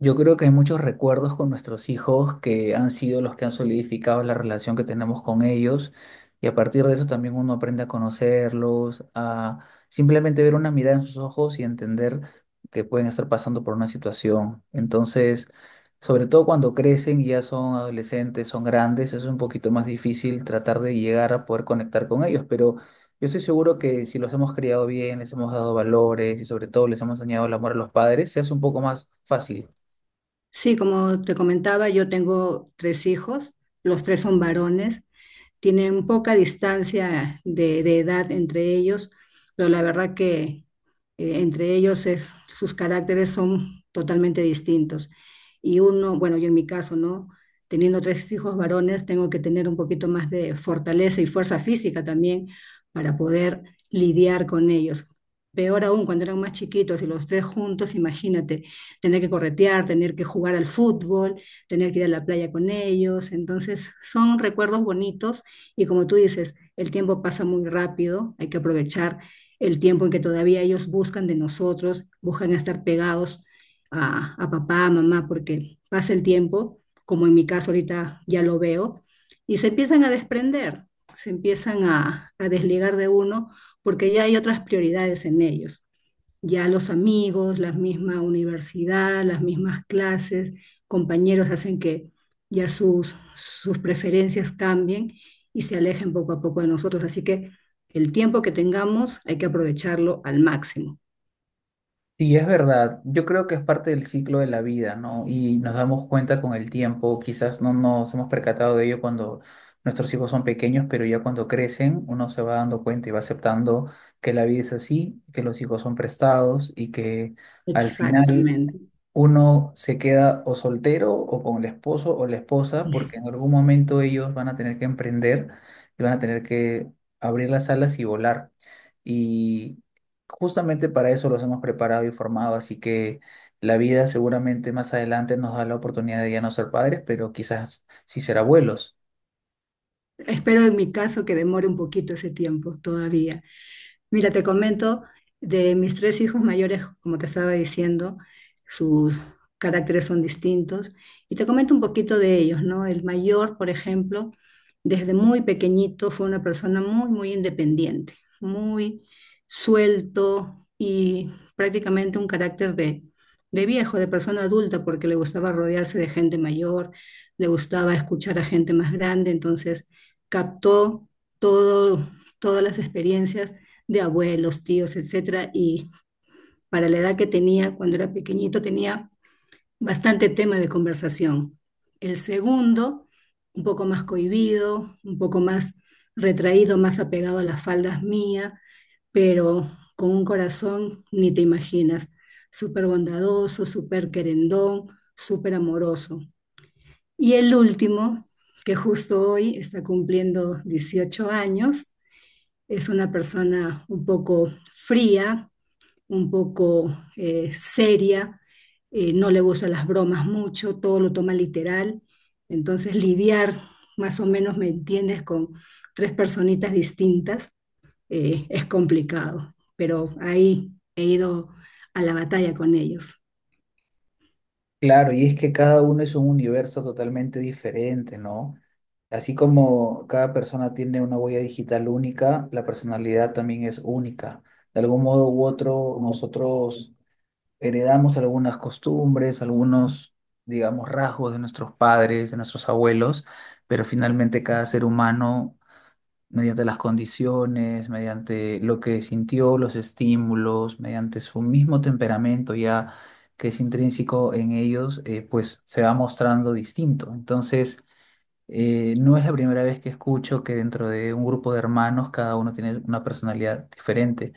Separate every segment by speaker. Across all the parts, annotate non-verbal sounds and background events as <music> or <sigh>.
Speaker 1: Yo creo que hay muchos recuerdos con nuestros hijos que han sido los que han solidificado la relación que tenemos con ellos y a partir de eso también uno aprende a conocerlos, a simplemente ver una mirada en sus ojos y entender que pueden estar pasando por una situación. Entonces, sobre todo cuando crecen y ya son adolescentes, son grandes, eso es un poquito más difícil tratar de llegar a poder conectar con ellos, pero yo estoy seguro que si los hemos criado bien, les hemos dado valores y sobre todo les hemos enseñado el amor a los padres, se hace un poco más fácil.
Speaker 2: Sí, como te comentaba, yo tengo tres hijos, los tres son varones, tienen poca distancia de edad entre ellos, pero la verdad que entre ellos es, sus caracteres son totalmente distintos. Y uno, bueno, yo en mi caso, ¿no? Teniendo tres hijos varones, tengo que tener un poquito más de fortaleza y fuerza física también para poder lidiar con ellos. Peor aún, cuando eran más chiquitos y los tres juntos, imagínate, tener que corretear, tener que jugar al fútbol, tener que ir a la playa con ellos. Entonces, son recuerdos bonitos y como tú dices, el tiempo pasa muy rápido, hay que aprovechar el tiempo en que todavía ellos buscan de nosotros, buscan estar pegados a papá, a mamá, porque pasa el tiempo, como en mi caso ahorita ya lo veo, y se empiezan a desprender, se empiezan a desligar de uno porque ya hay otras prioridades en ellos ya los amigos, la misma universidad, las mismas clases, compañeros hacen que ya sus preferencias cambien y se alejen poco a poco de nosotros. Así que el tiempo que tengamos hay que aprovecharlo al máximo.
Speaker 1: Sí, es verdad. Yo creo que es parte del ciclo de la vida, ¿no? Y nos damos cuenta con el tiempo, quizás no nos hemos percatado de ello cuando nuestros hijos son pequeños, pero ya cuando crecen uno se va dando cuenta y va aceptando que la vida es así, que los hijos son prestados y que al final
Speaker 2: Exactamente.
Speaker 1: uno se queda o soltero o con el esposo o la esposa, porque
Speaker 2: <laughs>
Speaker 1: en algún momento ellos van a tener que emprender y van a tener que abrir las alas y volar. Y justamente para eso los hemos preparado y formado, así que la vida seguramente más adelante nos da la oportunidad de ya no ser padres, pero quizás sí ser abuelos.
Speaker 2: Espero en mi caso que demore un poquito ese tiempo todavía. Mira, te comento de mis tres hijos mayores, como te estaba diciendo, sus caracteres son distintos y te comento un poquito de ellos, ¿no? El mayor, por ejemplo, desde muy pequeñito fue una persona muy, muy independiente, muy suelto y prácticamente un carácter de viejo, de persona adulta, porque le gustaba rodearse de gente mayor, le gustaba escuchar a gente más grande, entonces captó todo, todas las experiencias de abuelos, tíos, etcétera, y para la edad que tenía cuando era pequeñito tenía bastante tema de conversación. El segundo, un poco más cohibido, un poco más retraído, más apegado a las faldas mías, pero con un corazón ni te imaginas, súper bondadoso, súper querendón, súper amoroso. Y el último, que justo hoy está cumpliendo 18 años, es una persona un poco fría, un poco seria, no le gustan las bromas mucho, todo lo toma literal. Entonces lidiar, más o menos, ¿me entiendes?, con tres personitas distintas es complicado, pero ahí he ido a la batalla con ellos,
Speaker 1: Claro, y es que cada uno es un universo totalmente diferente, ¿no? Así como cada persona tiene una huella digital única, la personalidad también es única. De algún modo u otro, nosotros heredamos algunas costumbres, algunos, digamos, rasgos de nuestros padres, de nuestros abuelos, pero finalmente cada ser humano mediante las condiciones, mediante lo que sintió, los estímulos, mediante su mismo temperamento ya que es intrínseco en ellos, pues se va mostrando distinto. Entonces, no es la primera vez que escucho que dentro de un grupo de hermanos cada uno tiene una personalidad diferente.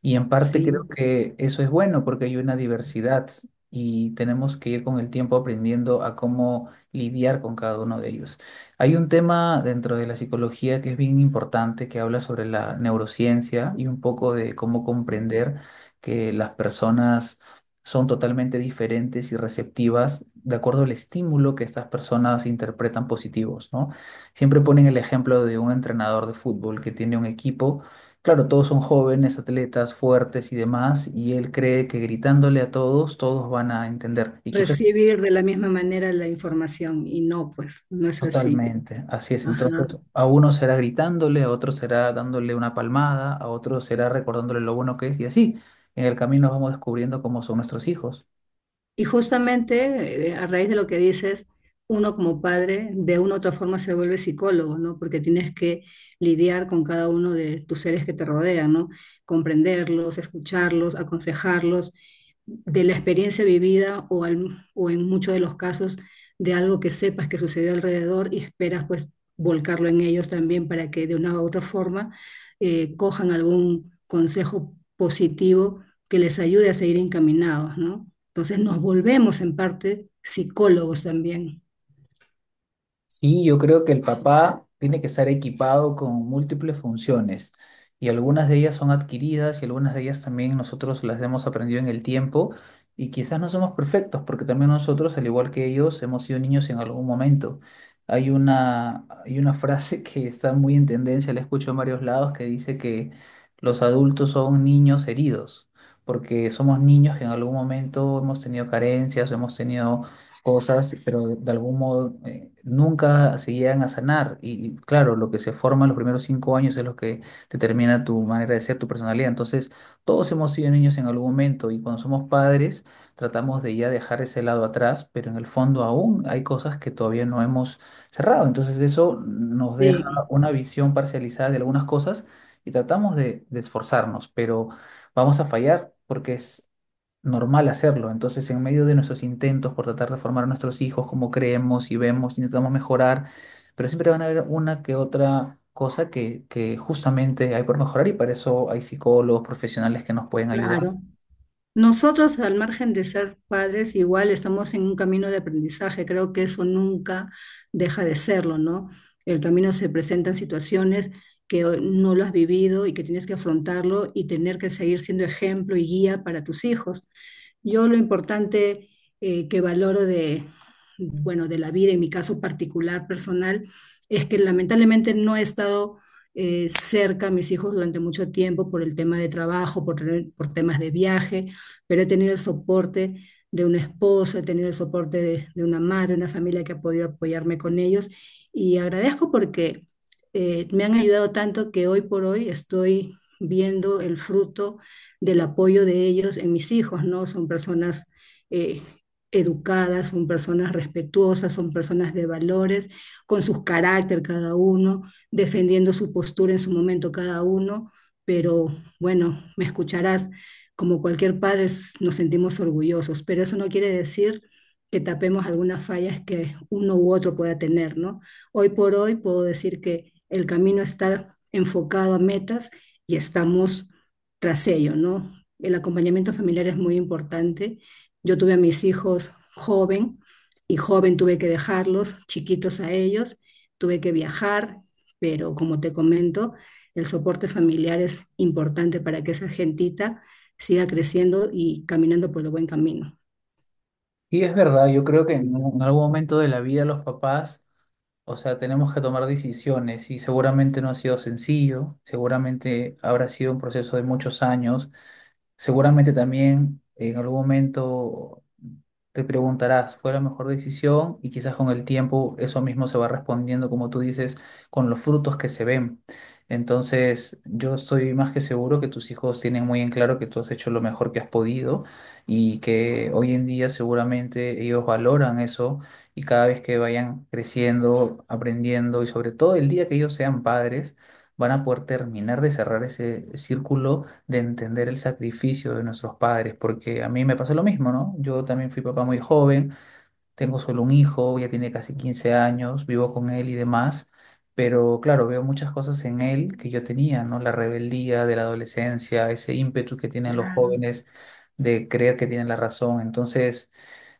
Speaker 1: Y en parte creo
Speaker 2: sí.
Speaker 1: que eso es bueno porque hay una diversidad y tenemos que ir con el tiempo aprendiendo a cómo lidiar con cada uno de ellos. Hay un tema dentro de la psicología que es bien importante que habla sobre la neurociencia y un poco de cómo
Speaker 2: ¿No?
Speaker 1: comprender que las personas son totalmente diferentes y receptivas de acuerdo al estímulo que estas personas interpretan positivos, ¿no? Siempre ponen el ejemplo de un entrenador de fútbol que tiene un equipo, claro, todos son jóvenes, atletas, fuertes y demás, y él cree que gritándole a todos, todos van a entender, y quizás
Speaker 2: Recibir de la misma manera la información y no, pues no es así.
Speaker 1: totalmente, así es,
Speaker 2: Ajá.
Speaker 1: entonces a uno será gritándole, a otro será dándole una palmada, a otro será recordándole lo bueno que es, y así, en el camino vamos descubriendo cómo son nuestros hijos.
Speaker 2: Y justamente a raíz de lo que dices, uno como padre de una u otra forma se vuelve psicólogo, ¿no? Porque tienes que lidiar con cada uno de tus seres que te rodean, ¿no? Comprenderlos, escucharlos, aconsejarlos de la experiencia vivida o, o en muchos de los casos de algo que sepas que sucedió alrededor y esperas pues volcarlo en ellos también para que de una u otra forma cojan algún consejo positivo que les ayude a seguir encaminados, ¿no? Entonces nos volvemos en parte psicólogos también.
Speaker 1: Sí, yo creo que el papá tiene que estar equipado con múltiples funciones y algunas de ellas son adquiridas y algunas de ellas también nosotros las hemos aprendido en el tiempo y quizás no somos perfectos porque también nosotros, al igual que ellos, hemos sido niños en algún momento. Hay una frase <laughs> que está muy en tendencia, la escucho en varios lados, que dice que los adultos son niños heridos porque somos niños que en algún momento hemos tenido carencias, hemos tenido cosas, pero de algún modo nunca se llegan a sanar. Y claro, lo que se forma en los primeros 5 años es lo que determina tu manera de ser, tu personalidad. Entonces, todos hemos sido niños en algún momento y cuando somos padres tratamos de ya dejar ese lado atrás, pero en el fondo aún hay cosas que todavía no hemos cerrado. Entonces, eso nos deja
Speaker 2: Sí,
Speaker 1: una visión parcializada de algunas cosas y tratamos de esforzarnos, pero vamos a fallar porque es normal hacerlo. Entonces, en medio de nuestros intentos por tratar de formar a nuestros hijos como creemos y vemos, intentamos mejorar, pero siempre van a haber una que otra cosa que justamente hay por mejorar y para eso hay psicólogos profesionales que nos pueden ayudar.
Speaker 2: claro. Nosotros, al margen de ser padres, igual estamos en un camino de aprendizaje. Creo que eso nunca deja de serlo, ¿no? El camino se presentan situaciones que no lo has vivido y que tienes que afrontarlo y tener que seguir siendo ejemplo y guía para tus hijos. Yo lo importante que valoro de, bueno, de la vida, en mi caso particular, personal, es que lamentablemente no he estado cerca a mis hijos durante mucho tiempo por el tema de trabajo, por, por temas de viaje, pero he tenido el soporte de un esposo, he tenido el soporte de una madre, una familia que ha podido apoyarme con ellos y agradezco porque me han ayudado tanto que hoy por hoy estoy viendo el fruto del apoyo de ellos en mis hijos, ¿no? Son personas eh, educadas, son personas respetuosas, son personas de valores, con sus carácter cada uno, defendiendo su postura en su momento cada uno, pero bueno, me escucharás, como cualquier padre nos sentimos orgullosos, pero eso no quiere decir que tapemos algunas fallas que uno u otro pueda tener, ¿no? Hoy por hoy puedo decir que el camino está enfocado a metas y estamos tras ello, ¿no? El acompañamiento familiar es muy importante. Yo tuve a mis hijos joven y joven tuve que dejarlos, chiquitos a ellos, tuve que viajar, pero como te comento, el soporte familiar es importante para que esa gentita siga creciendo y caminando por el buen camino.
Speaker 1: Y es verdad, yo creo que en algún momento de la vida los papás, o sea, tenemos que tomar decisiones y seguramente no ha sido sencillo, seguramente habrá sido un proceso de muchos años. Seguramente también en algún momento te preguntarás, ¿fue la mejor decisión? Y quizás con el tiempo eso mismo se va respondiendo, como tú dices, con los frutos que se ven. Entonces, yo estoy más que seguro que tus hijos tienen muy en claro que tú has hecho lo mejor que has podido y que hoy en día seguramente ellos valoran eso y cada vez que vayan creciendo, aprendiendo y sobre todo el día que ellos sean padres, van a poder terminar de cerrar ese círculo de entender el sacrificio de nuestros padres, porque a mí me pasó lo mismo, ¿no? Yo también fui papá muy joven, tengo solo un hijo, ya tiene casi 15 años, vivo con él y demás, pero claro, veo muchas cosas en él que yo tenía, ¿no? La rebeldía de la adolescencia, ese ímpetu que tienen los
Speaker 2: Claro.
Speaker 1: jóvenes de creer que tienen la razón, entonces...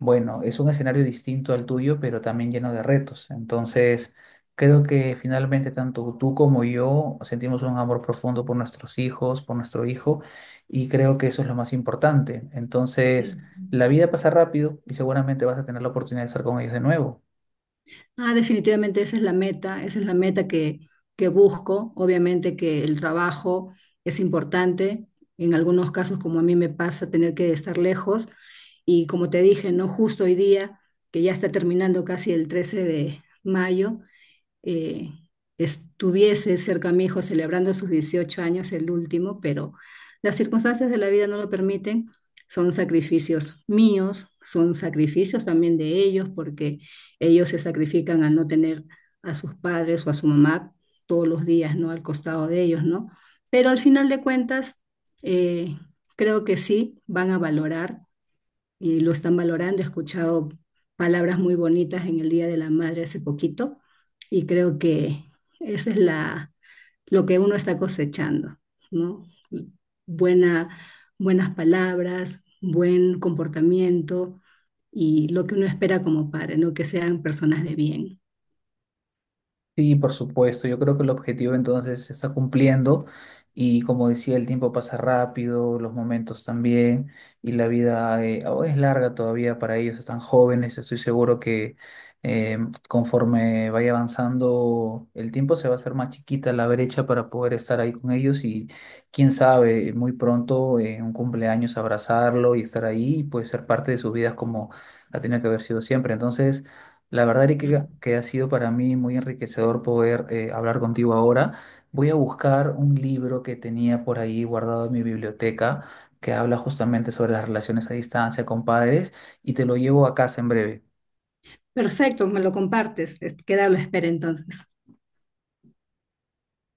Speaker 1: Bueno, es un escenario distinto al tuyo, pero también lleno de retos. Entonces, creo que finalmente tanto tú como yo sentimos un amor profundo por nuestros hijos, por nuestro hijo, y creo que eso es lo más importante. Entonces, la vida pasa rápido y seguramente vas a tener la oportunidad de estar con ellos de nuevo.
Speaker 2: Ah, definitivamente esa es la meta, esa es la meta que busco. Obviamente que el trabajo es importante, en algunos casos como a mí me pasa tener que estar lejos y como te dije, no justo hoy día, que ya está terminando casi el 13 de mayo, eh, estuviese cerca a mi hijo celebrando sus 18 años, el último, pero las circunstancias de la vida no lo permiten. Son sacrificios míos, son sacrificios también de ellos, porque ellos se sacrifican al no tener a sus padres o a su mamá todos los días, ¿no? Al costado de ellos, ¿no? Pero al final de cuentas, eh, creo que sí van a valorar y lo están valorando. He escuchado palabras muy bonitas en el Día de la Madre hace poquito y creo que esa es la, lo que uno está cosechando, ¿no? Buena, buenas palabras, buen comportamiento y lo que uno espera como padre, ¿no? Que sean personas de bien.
Speaker 1: Sí, por supuesto. Yo creo que el objetivo entonces se está cumpliendo y como decía, el tiempo pasa rápido, los momentos también y la vida aún es larga todavía para ellos, están jóvenes. Estoy seguro que eh, conforme vaya avanzando el tiempo se va a hacer más chiquita la brecha para poder estar ahí con ellos y quién sabe, muy pronto en un cumpleaños abrazarlo y estar ahí y pues ser parte de sus vidas como ha tenido que haber sido siempre. Entonces... La verdad, Erika, que ha sido para mí muy enriquecedor poder hablar contigo ahora. Voy a buscar un libro que tenía por ahí guardado en mi biblioteca que habla justamente sobre las relaciones a distancia con padres y te lo llevo a casa en breve.
Speaker 2: Perfecto, me lo compartes. Queda a la espera entonces.